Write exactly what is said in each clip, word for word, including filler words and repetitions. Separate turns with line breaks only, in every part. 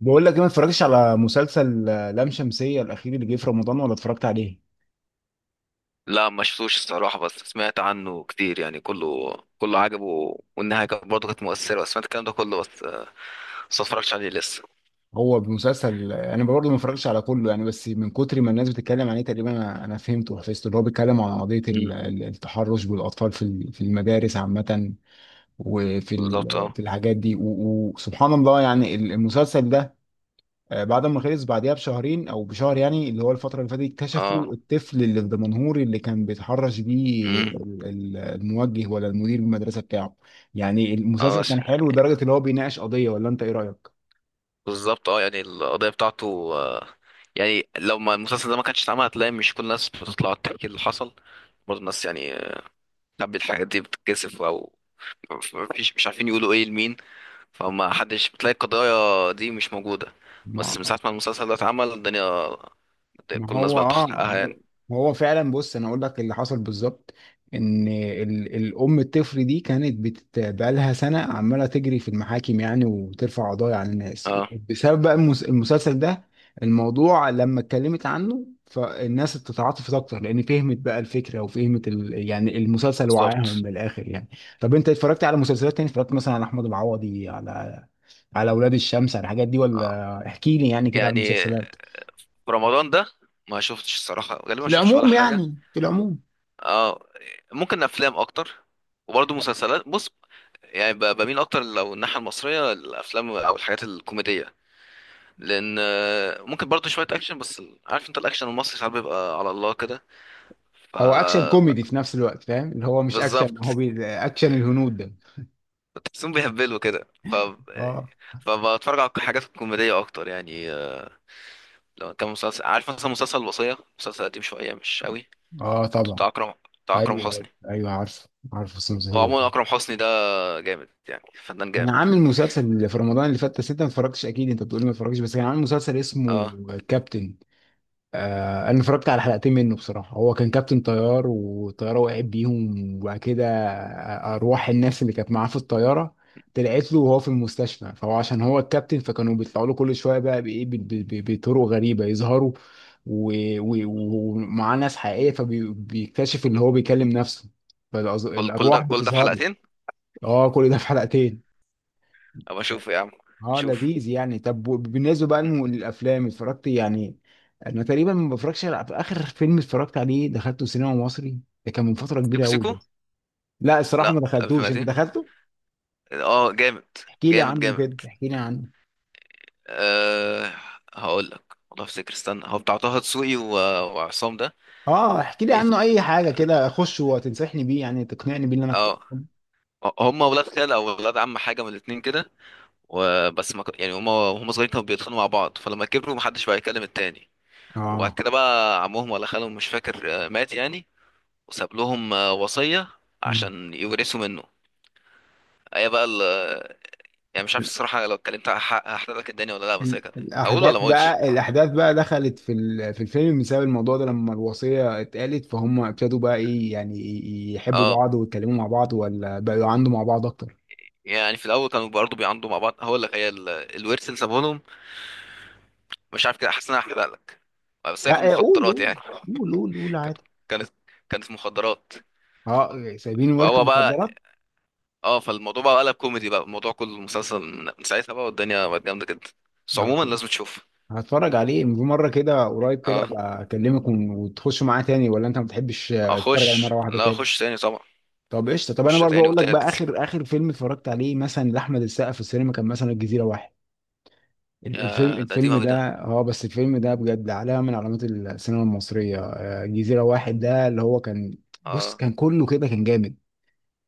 بقول لك ايه ما اتفرجتش على مسلسل آه، لام شمسية الأخير اللي جه في رمضان ولا اتفرجت عليه؟
لا، ما شفتوش الصراحة، بس سمعت عنه كتير، يعني كله كله عجبه، والنهاية كانت برضه كانت مؤثرة، بس سمعت الكلام ده كله، بس آه، بس ما اتفرجتش عليه لسه.
هو مسلسل، آه، انا برضه ما اتفرجتش على كله، يعني بس من كتر ما الناس بتتكلم عليه تقريبا انا أنا فهمته وحفظته. اللي هو بيتكلم عن قضية
مم.
ال- ال- التحرش بالأطفال في ال- في المدارس عامة، وفي
بالظبط،
ال-
اه.
في الحاجات دي و- وسبحان الله. يعني المسلسل ده آه، بعد ما خلص بعديها بشهرين او بشهر، يعني اللي هو الفتره اللي فاتت
اه.
اكتشفوا الطفل اللي الدمنهوري اللي كان بيتحرش بيه
مم.
ال- ال- الموجه ولا المدير المدرسه بتاعه. يعني المسلسل
اه، ش-
كان حلو لدرجه اللي هو بيناقش قضيه، ولا انت ايه رايك؟
بالظبط، اه. يعني القضية بتاعته، آه، يعني لو ما المسلسل ده ما كانش اتعمل، هتلاقي مش كل الناس بتطلع تحكي اللي حصل. برضه الناس، يعني تحب الحاجات دي، بتتكسف او مفيش، مش عارفين يقولوا ايه لمين. فما حدش، بتلاقي القضايا دي مش موجودة. بس من ساعة ما المسلسل ده اتعمل، الدنيا كل
ما
الناس
هو
بقى
اه
تاخد حقها يعني.
ما هو فعلا، بص انا اقول لك اللي حصل بالظبط. ان ال- الام الطفل دي كانت بت- بقالها سنه عماله تجري في المحاكم، يعني وترفع قضايا على الناس
اه.
بسبب بقى المس- المسلسل ده. الموضوع لما اتكلمت عنه فالناس تتعاطفت اكتر، لان فهمت بقى الفكره وفهمت ال... يعني المسلسل، وعاهم
بالظبط.
من الاخر يعني. طب انت اتفرجت على مسلسلات تاني؟ اتفرجت مثلا على احمد العوضي، على على اولاد الشمس، على الحاجات دي؟
آه.
ولا احكي لي يعني كده على
يعني
المسلسلات
في رمضان ده، ما شفتش الصراحة، غالبا ما
في
شفتش ولا
العموم،
حاجة.
يعني في العموم
اه. ممكن افلام اكتر، وبرضه مسلسلات. بص، يعني ب- بميل اكتر لو الناحية المصرية، الافلام او الحاجات الكوميدية، لان آه، ممكن برضه شوية اكشن، بس ال- عارف انت، الاكشن المصري ساعات بيبقى على الله كده. ف
هو اكشن
ب-
كوميدي في نفس الوقت، فاهم اللي هو مش اكشن،
بالظبط.
هو بي... اكشن الهنود ده.
تحسهم بيهبلوا كده، ف
اه
فبتفرج على الحاجات الكوميدية اكتر يعني. لو كان مسلسل، عارف مثلا مسلسل الوصية، مسلسل قديم شوية مش قوي،
اه طبعا.
بتاع أكرم، بتاع أكرم
ايوه ايوه
حسني.
ايوه عارف، عارف. بس مسلسل
هو
حلو
عموما
والله.
أكرم حسني ده جامد، يعني فنان
كان
جامد.
عامل مسلسل في رمضان اللي فات، بس انت ما اتفرجتش اكيد. انت بتقولي ما اتفرجتش، بس كان عامل مسلسل اسمه
اه.
كابتن. آه، انا اتفرجت على حلقتين منه بصراحه. هو كان كابتن طيار والطياره وقعت بيهم، وبعد كده ارواح الناس اللي كانت معاه في الطياره طلعت له وهو في المستشفى. فهو عشان هو الكابتن فكانوا بيطلعوا له كل شويه بقى بايه ب- ب- ب- بطرق غريبه يظهروا، و- و- ومعاه ناس حقيقيه، فبيكتشف ان هو بيكلم نفسه
كل كل ده،
فالارواح
كل ده في
بتظهر له.
حلقتين؟
اه كل ده في حلقتين.
أبقى أشوف يا عم.
اه
تشوف.
لذيذ يعني. طب بالنسبه بقى للم- للافلام، اتفرجت يعني؟ انا تقريبا ما بفرجش على- اخر فيلم اتفرجت عليه دخلته سينما مصري، ده كان من فتره كبيره
سيكو
قوي
سيكو.
ده. لا الصراحه
لا،
ما
ألف
دخلتوش، انت
ميتين.
دخلته؟
اه، جامد.
احكي لي
جامد
عنه
جامد.
كده، احكي لي عنه.
أه. هقول لك والله، افتكر، استنى، هو بتاع طه دسوقي و- وعصام ده.
اه احكي لي عنه
بيت-
اي حاجه كده اخش وتنصحني بيه، يعني تقنعني بيه ان انا
اه،
أدخل.
هم ولاد خال او ولاد عم، حاجه من الاتنين كده. وبس، ما ك- يعني هما، وهم صغيرين كانوا بيتخانقوا مع بعض، فلما كبروا محدش بقى يكلم التاني. وبعد
اه.
كده بقى عمهم ولا خالهم، مش فاكر، آه، مات يعني. وساب لهم آه، وصية
مم.
عشان يورثوا منه. هي بقى ال- يعني مش عارف الصراحة، لو اتكلمت، هح- هحرق لك الدنيا ولا لا، بس هي
ال-
كده. أقول
الاحداث
ولا ما أقولش؟
بقى، الاحداث بقى دخلت في ال- في الفيلم بسبب الموضوع ده، لما الوصيه اتقالت فهم ابتدوا بقى ايه، يعني ي- يحبوا
اه.
بعض ويتكلموا مع بعض، ولا بقوا عنده مع بعض اكتر؟
يعني في الأول كانوا برضه بيعاندوا مع بعض. هقول لك، هي ال- الورث اللي سابه لهم. مش عارف كده، حاسس إن أنا هحرق لك، بس هي كانت
لا قول قول
مخدرات يعني.
قول قول قول
كانت
عادي.
كانت كانت مخدرات.
اه سايبين ورث
فهو بقى،
المخدرات.
اه. فالموضوع بقى قلب كوميدي، بقى الموضوع كله مسلسل من من ساعتها، بقى والدنيا بقت جامدة جدا. بس
آه،
عموما لازم تشوف.
هتفرج عليه في مره كده قريب كده،
اه.
ابقى اكلمك ون- وتخش معاه تاني، ولا انت ما بتحبش، آه، تتفرج عليه
اخش،
مره واحده
لا،
تاني؟
اخش تاني طبعا.
طب قشطه. طب انا
اخش
برضه
تاني
اقول لك بقى
وتالت.
اخر اخر فيلم اتفرجت عليه مثلا لاحمد السقا في السينما، كان مثلا الجزيره واحد. ال- الفيلم
يا ده قديم
الفيلم
اوي
ده،
ده.
اه بس الفيلم ده بجد علامة من علامات السينما المصرية. آه، جزيرة واحد ده اللي هو كان، بص
اه.
كان كله كده، كان جامد.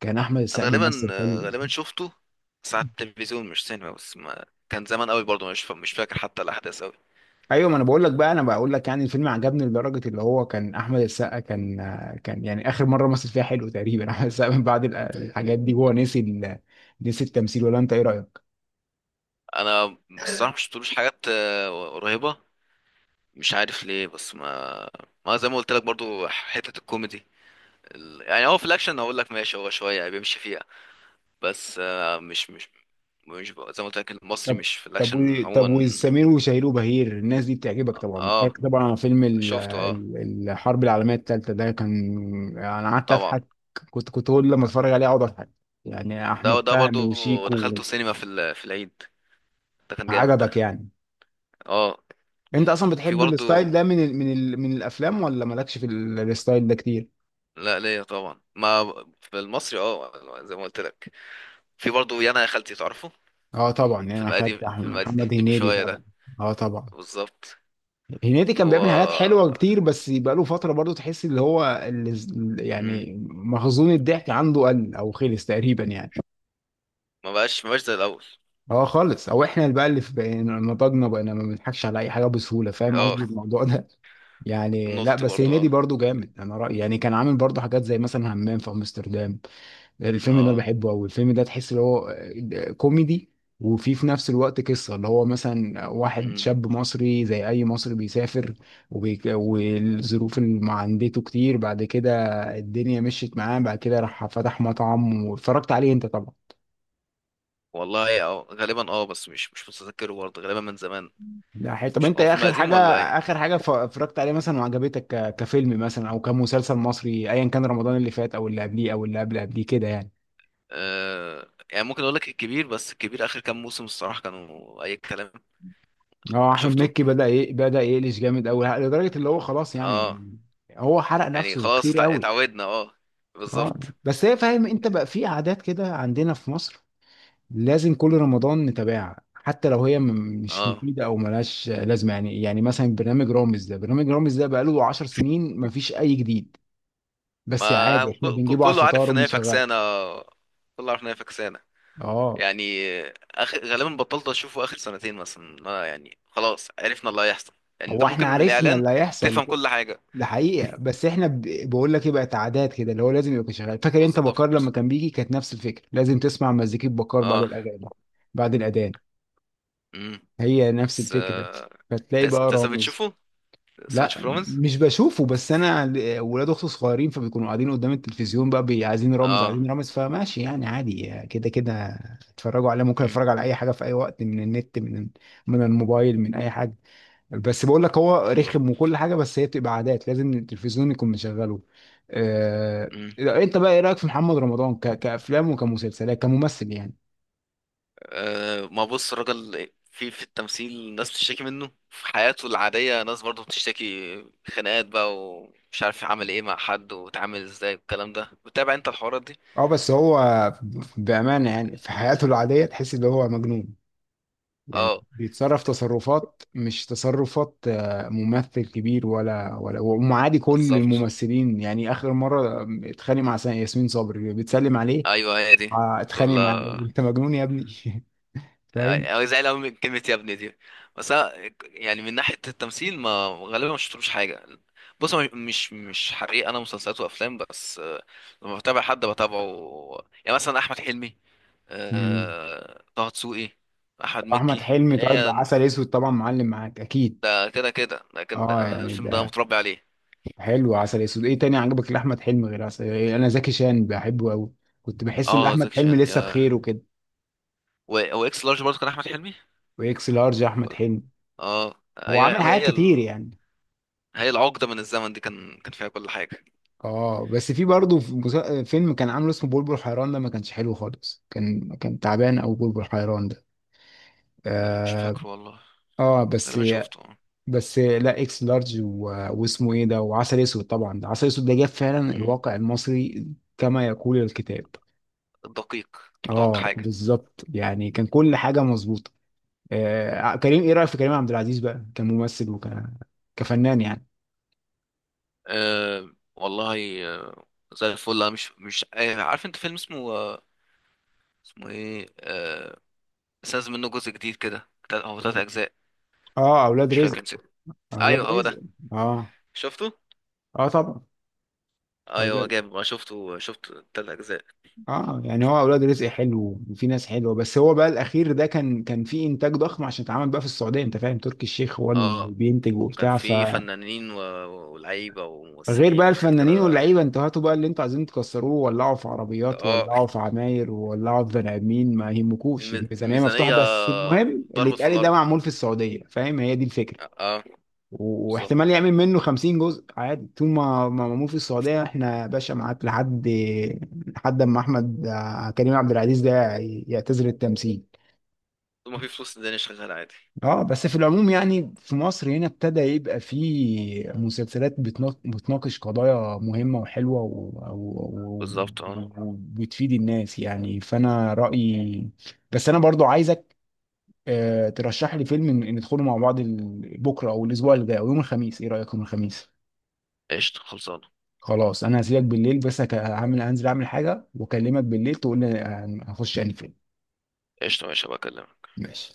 كان احمد
انا
السقا
غالبا
بيمثل
آه،
حلو.
غالبا شفته، ساعة التلفزيون مش سينما، بس ما كان زمان قوي برضه، مش فا- مش فاكر حتى الاحداث قوي.
ايوه ما انا بقول لك بقى، انا بقول لك يعني الفيلم عجبني لدرجة اللي هو كان احمد السقا، كان آه، كان يعني اخر مرة مثل فيها حلو تقريبا. احمد السقا من بعد ال- الحاجات دي هو نسي ال- نسي التمثيل، ولا انت ايه رأيك؟
انا الصراحة مش شفتلوش حاجات آه، قريبة. مش عارف ليه، بس ما ما زي ما قلت لك، برضه حتة الكوميدي. ال- يعني هو في الاكشن هقول لك ماشي، هو شوية بيمشي فيه. بس آه، مش مش مش بقى- زي ما قلت لك، المصري
طب
مش في
طب و...
الاكشن
طب
عموما.
وسمير وشهير وبهير، الناس دي بتعجبك طبعا؟ أنت
اه.
عارف طبعا على فيلم ال...
شفته. اه،
ال... الحرب العالميه الثالثه ده كان. انا قعدت
طبعا.
اضحك. كنت كنت كل لما اتفرج عليه اقعد اضحك، يعني
ده
احمد
ده
فهمي
برضو
وشيكو.
دخلته سينما في ال- في العيد. ده كان جامد ده.
عجبك يعني؟
اه.
انت اصلا
وفي
بتحب الستايل
برضو.
ده من ال... من ال... من الافلام، ولا مالكش في ال... الستايل ده كتير؟
لا، ليا طبعا، ما في المصري اه، زي ما قلت لك. في برضو، يانا يا خالتي، تعرفه.
اه طبعا. يعني انا
فيلم
خدت
قديم،
أحمد-
فيلم قديم
محمد هنيدي
شويه
طبعا.
ده.
اه طبعا.
بالظبط.
هنيدي كان
هو.
بيعمل حاجات حلوه كتير، بس بقاله فتره برضو تحس اللي هو اللي،
مم.
يعني مخزون الضحك عنده قل او خلص تقريبا يعني.
ما بقاش ما بقاش زي الاول.
هو خالص او احنا اللي بقى اللي في بقينا نضجنا، بقينا ما بنضحكش على اي حاجه بسهوله، فاهم
اه.
قصدي الموضوع ده. يعني
النقطه
لا
دي
بس
برضو
هنيدي
اه.
برضو جامد انا رايي. يعني كان عامل برضو حاجات زي مثلا همام في امستردام. الفيلم ده
اه
بحبه قوي. الفيلم ده تحس اللي هو آه، كوميدي، وفي في نفس الوقت قصة اللي هو مثلا واحد شاب مصري زي أي مصري بيسافر، وبيك... والظروف اللي مع- عندته كتير. بعد كده الدنيا مشيت معاه، بعد كده راح فتح مطعم واتفرجت عليه أنت طبعا.
والله اه، غالبا اه، بس مش، مش متذكره برضه غالبا، من زمان.
ده حي... طب
مش
أنت
هو
إيه
فيلم
آخر
قديم
حاجة؟
ولا ايه؟
آخر حاجة ف- اتفرجت عليه مثلا وعجبتك ك... كفيلم مثلا، أو كمسلسل مصري، أيا كان، رمضان اللي فات أو اللي قبليه أو اللي قبل قبليه كده يعني؟
آه، يعني ممكن اقول لك الكبير، بس الكبير اخر كام موسم الصراحه كانوا اي كلام.
اه
آه،
احمد
شفته.
مكي بدأ ي... بدأ يقلش جامد قوي لدرجة اللي هو خلاص
اه.
يعني. هو حرق
يعني
نفسه
خلاص
كتير
اتع-
قوي.
اتعودنا، اه.
اه
بالظبط.
بس هي، فاهم انت بقى في عادات كده عندنا في مصر، لازم كل رمضان نتابعها حتى لو هي م- مش
اه.
مفيدة او ملهاش لازمة، يعني يعني مثلا برنامج رامز ده، برنامج رامز ده بقاله 10 سنين مفيش اي جديد. بس
ما
عادي
ك-
احنا
ك-
بنجيبه على
كله
الفطار
عارف ان هي
وبنشغله.
فكسانه، آه، كله عارف ان هي فكسانه.
اه
يعني اخر غالبا بطلت اشوفه اخر سنتين مثلا، ما يعني خلاص عرفنا اللي هيحصل. يعني انت
هو احنا
ممكن من
عرفنا
الاعلان
اللي هيحصل،
تفهم كل حاجه.
ده حقيقة. بس احنا ب... بقول لك ايه، بقت عادات كده اللي هو لازم يبقى شغال. فاكر انت بكار لما
بالظبط.
كان بيجي، كانت نفس الفكرة، لازم تسمع مزيكة بكار بعد
اه.
الأغاني بعد الأذان،
امم.
هي نفس
بس
الفكرة.
آه،
فتلاقي
انت
بقى
أنت لسه
رامز.
بتشوفه؟ لسه بتشوف
لا
رومز؟
مش بشوفه، بس انا ل- ولاد اختي صغيرين فبيكونوا قاعدين قدام التلفزيون بقى بي- عايزين رامز
اه.
عايزين رامز، فماشي يعني، عادي كده كده اتفرجوا عليه. ممكن
امم.
اتفرج على اي حاجة في اي وقت من النت، من من الموبايل، من اي حاجة. بس بقول لك هو
بالظبط.
رخم وكل حاجه، بس هي بتبقى عادات، لازم التلفزيون يكون مشغله. آه...
امم.
انت بقى ايه رايك في محمد رمضان ك... كافلام وكمسلسلات كممثل يعني؟
آه، ما بص، الراجل في في التمثيل، ناس بتشتكي منه، في حياته العادية ناس برضه بتشتكي. خناقات بقى، ومش عارف عمل ايه مع حد واتعامل ازاي، والكلام ده بتتابع انت الحوارات دي؟
اه بس هو بامانه يعني في حياته العاديه تحس ان هو مجنون، يعني
اه.
بيتصرف تصرفات مش تصرفات آه، ممثل كبير، ولا ولا ومعادي كل
بالظبط.
الممثلين. يعني اخر مره اتخانق مع ياسمين صبري بتسلم عليه.
ايوه، هي دي.
آه، اتخانق معاه.
كلها.
انت مجنون يا ابني.
أو زعل أوي من كلمة يا ابني دي. بس أنا يعني من ناحية التمثيل، ما غالبا ما شفتلوش حاجة. بص، هو مش، مش حريق. أنا مسلسلات وأفلام، بس آه، لما بتابع حد بتابعه. يعني مثلا أحمد حلمي،
فاهم.
آه، طه دسوقي، أحمد
واحمد
مكي،
حلمي طيب
إيه.
عسل اسود، طبعا معلم معاك اكيد.
ده كده كده ده كده،
اه
أنا
يعني
الفيلم ده
ده
متربي عليه.
حلو عسل اسود. ايه تاني عجبك لاحمد حلمي غير عسل؟ إيه، انا زكي شان بحبه قوي. كنت بحس ان
اه،
احمد
زكي
حلمي
شان
لسه
يا.
بخير وكده.
و- هو اكس لارج برضه كان أحمد حلمي،
واكس لارج احمد
ولا.
حلمي.
اه،
هو عامل
أيوة،
حاجات
هي
كتير
ال...
يعني.
هي العقدة من الزمن دي كان كان فيها كل حاجة.
اه بس في برضه في مسا- فيلم كان عامله اسمه بلبل حيران ده ما كانش حلو خالص، كان كان تعبان او بلبل حيران ده.
مش
اه.
فاكر والله،
آه، بس.
غالبا شفته.
بس لا اكس لارج و... واسمه ايه ده، وعسل اسود طبعا. ده عسل اسود ده جاب فعلا
مم.
الواقع المصري، كما يقول الكتاب.
الدقيق. ادق
اه
حاجه.
بالظبط، يعني كان كل حاجه مظبوطه. آه كريم، ايه رايك في كريم عبد العزيز بقى كممثل وك كفنان يعني؟
أه، والله أه، زي الفل. أنا مش، مش آه، عارف انت فيلم اسمه، أه، اسمه ايه، أه، بس نازل منه جزء جديد كده، تلات- هو تلات اجزاء.
اه اولاد
مش
رزق.
فاكر، نسيت.
اولاد
ايوه، هو ده.
رزق. اه
شفته.
اه طبعا.
ايوه
اولاد
جامد، ما شفته، شفت. تلات اجزاء.
اه يعني هو اولاد رزق حلو وفي ناس حلوه، بس هو بقى الاخير ده كان كان فيه انتاج ضخم عشان اتعمل بقى في السعوديه. انت فاهم تركي الشيخ هو اللي
اه.
بينتج
وكان
وبتاع،
في فنانين و- ولاعيبه
غير
وممثلين
بقى
وحاجات
الفنانين
كده.
واللعيبه، انتوا هاتوا بقى اللي انتوا عايزين تكسروه، ولعوا في عربيات،
اه.
ولعوا في عماير، ولعوا في بني ادمين، ما يهمكوش
الم-
الميزانيه مفتوحه،
الميزانيه
بس المهم اللي
ضربت في
اتقال ده
الارض.
معمول في السعوديه. فاهم هي دي الفكره،
اه.
و-
بالظبط.
واحتمال يعمل منه 50 جزء عادي طول ما ما معمول في السعوديه، احنا يا باشا معاك لحد لحد اما احمد آه، كريم عبد العزيز ده يعتزل التمثيل.
طول ما في فلوس، الدنيا شغاله عادي.
اه بس في العموم يعني في مصر هنا، ابتدى يبقى فيه مسلسلات بتنا- بتناقش قضايا مهمة وحلوة و... و...
بالظبط.
و...
اه.
وبتفيد الناس يعني، فأنا رأيي. بس أنا برضو عايزك، آه، ترشح لي فيلم ن- ندخله مع بعض، ال- بكرة أو الأسبوع اللي جاي أو يوم الخميس. إيه رأيك يوم الخميس؟
قشطة، خلصان.
خلاص أنا هسيبك بالليل، بس هك- هعمل، هنزل أعمل حاجة وأكلمك بالليل تقول لي هن- هخش أنهي فيلم.
قشطة، ماشي، هبقى أكلمك.
ماشي.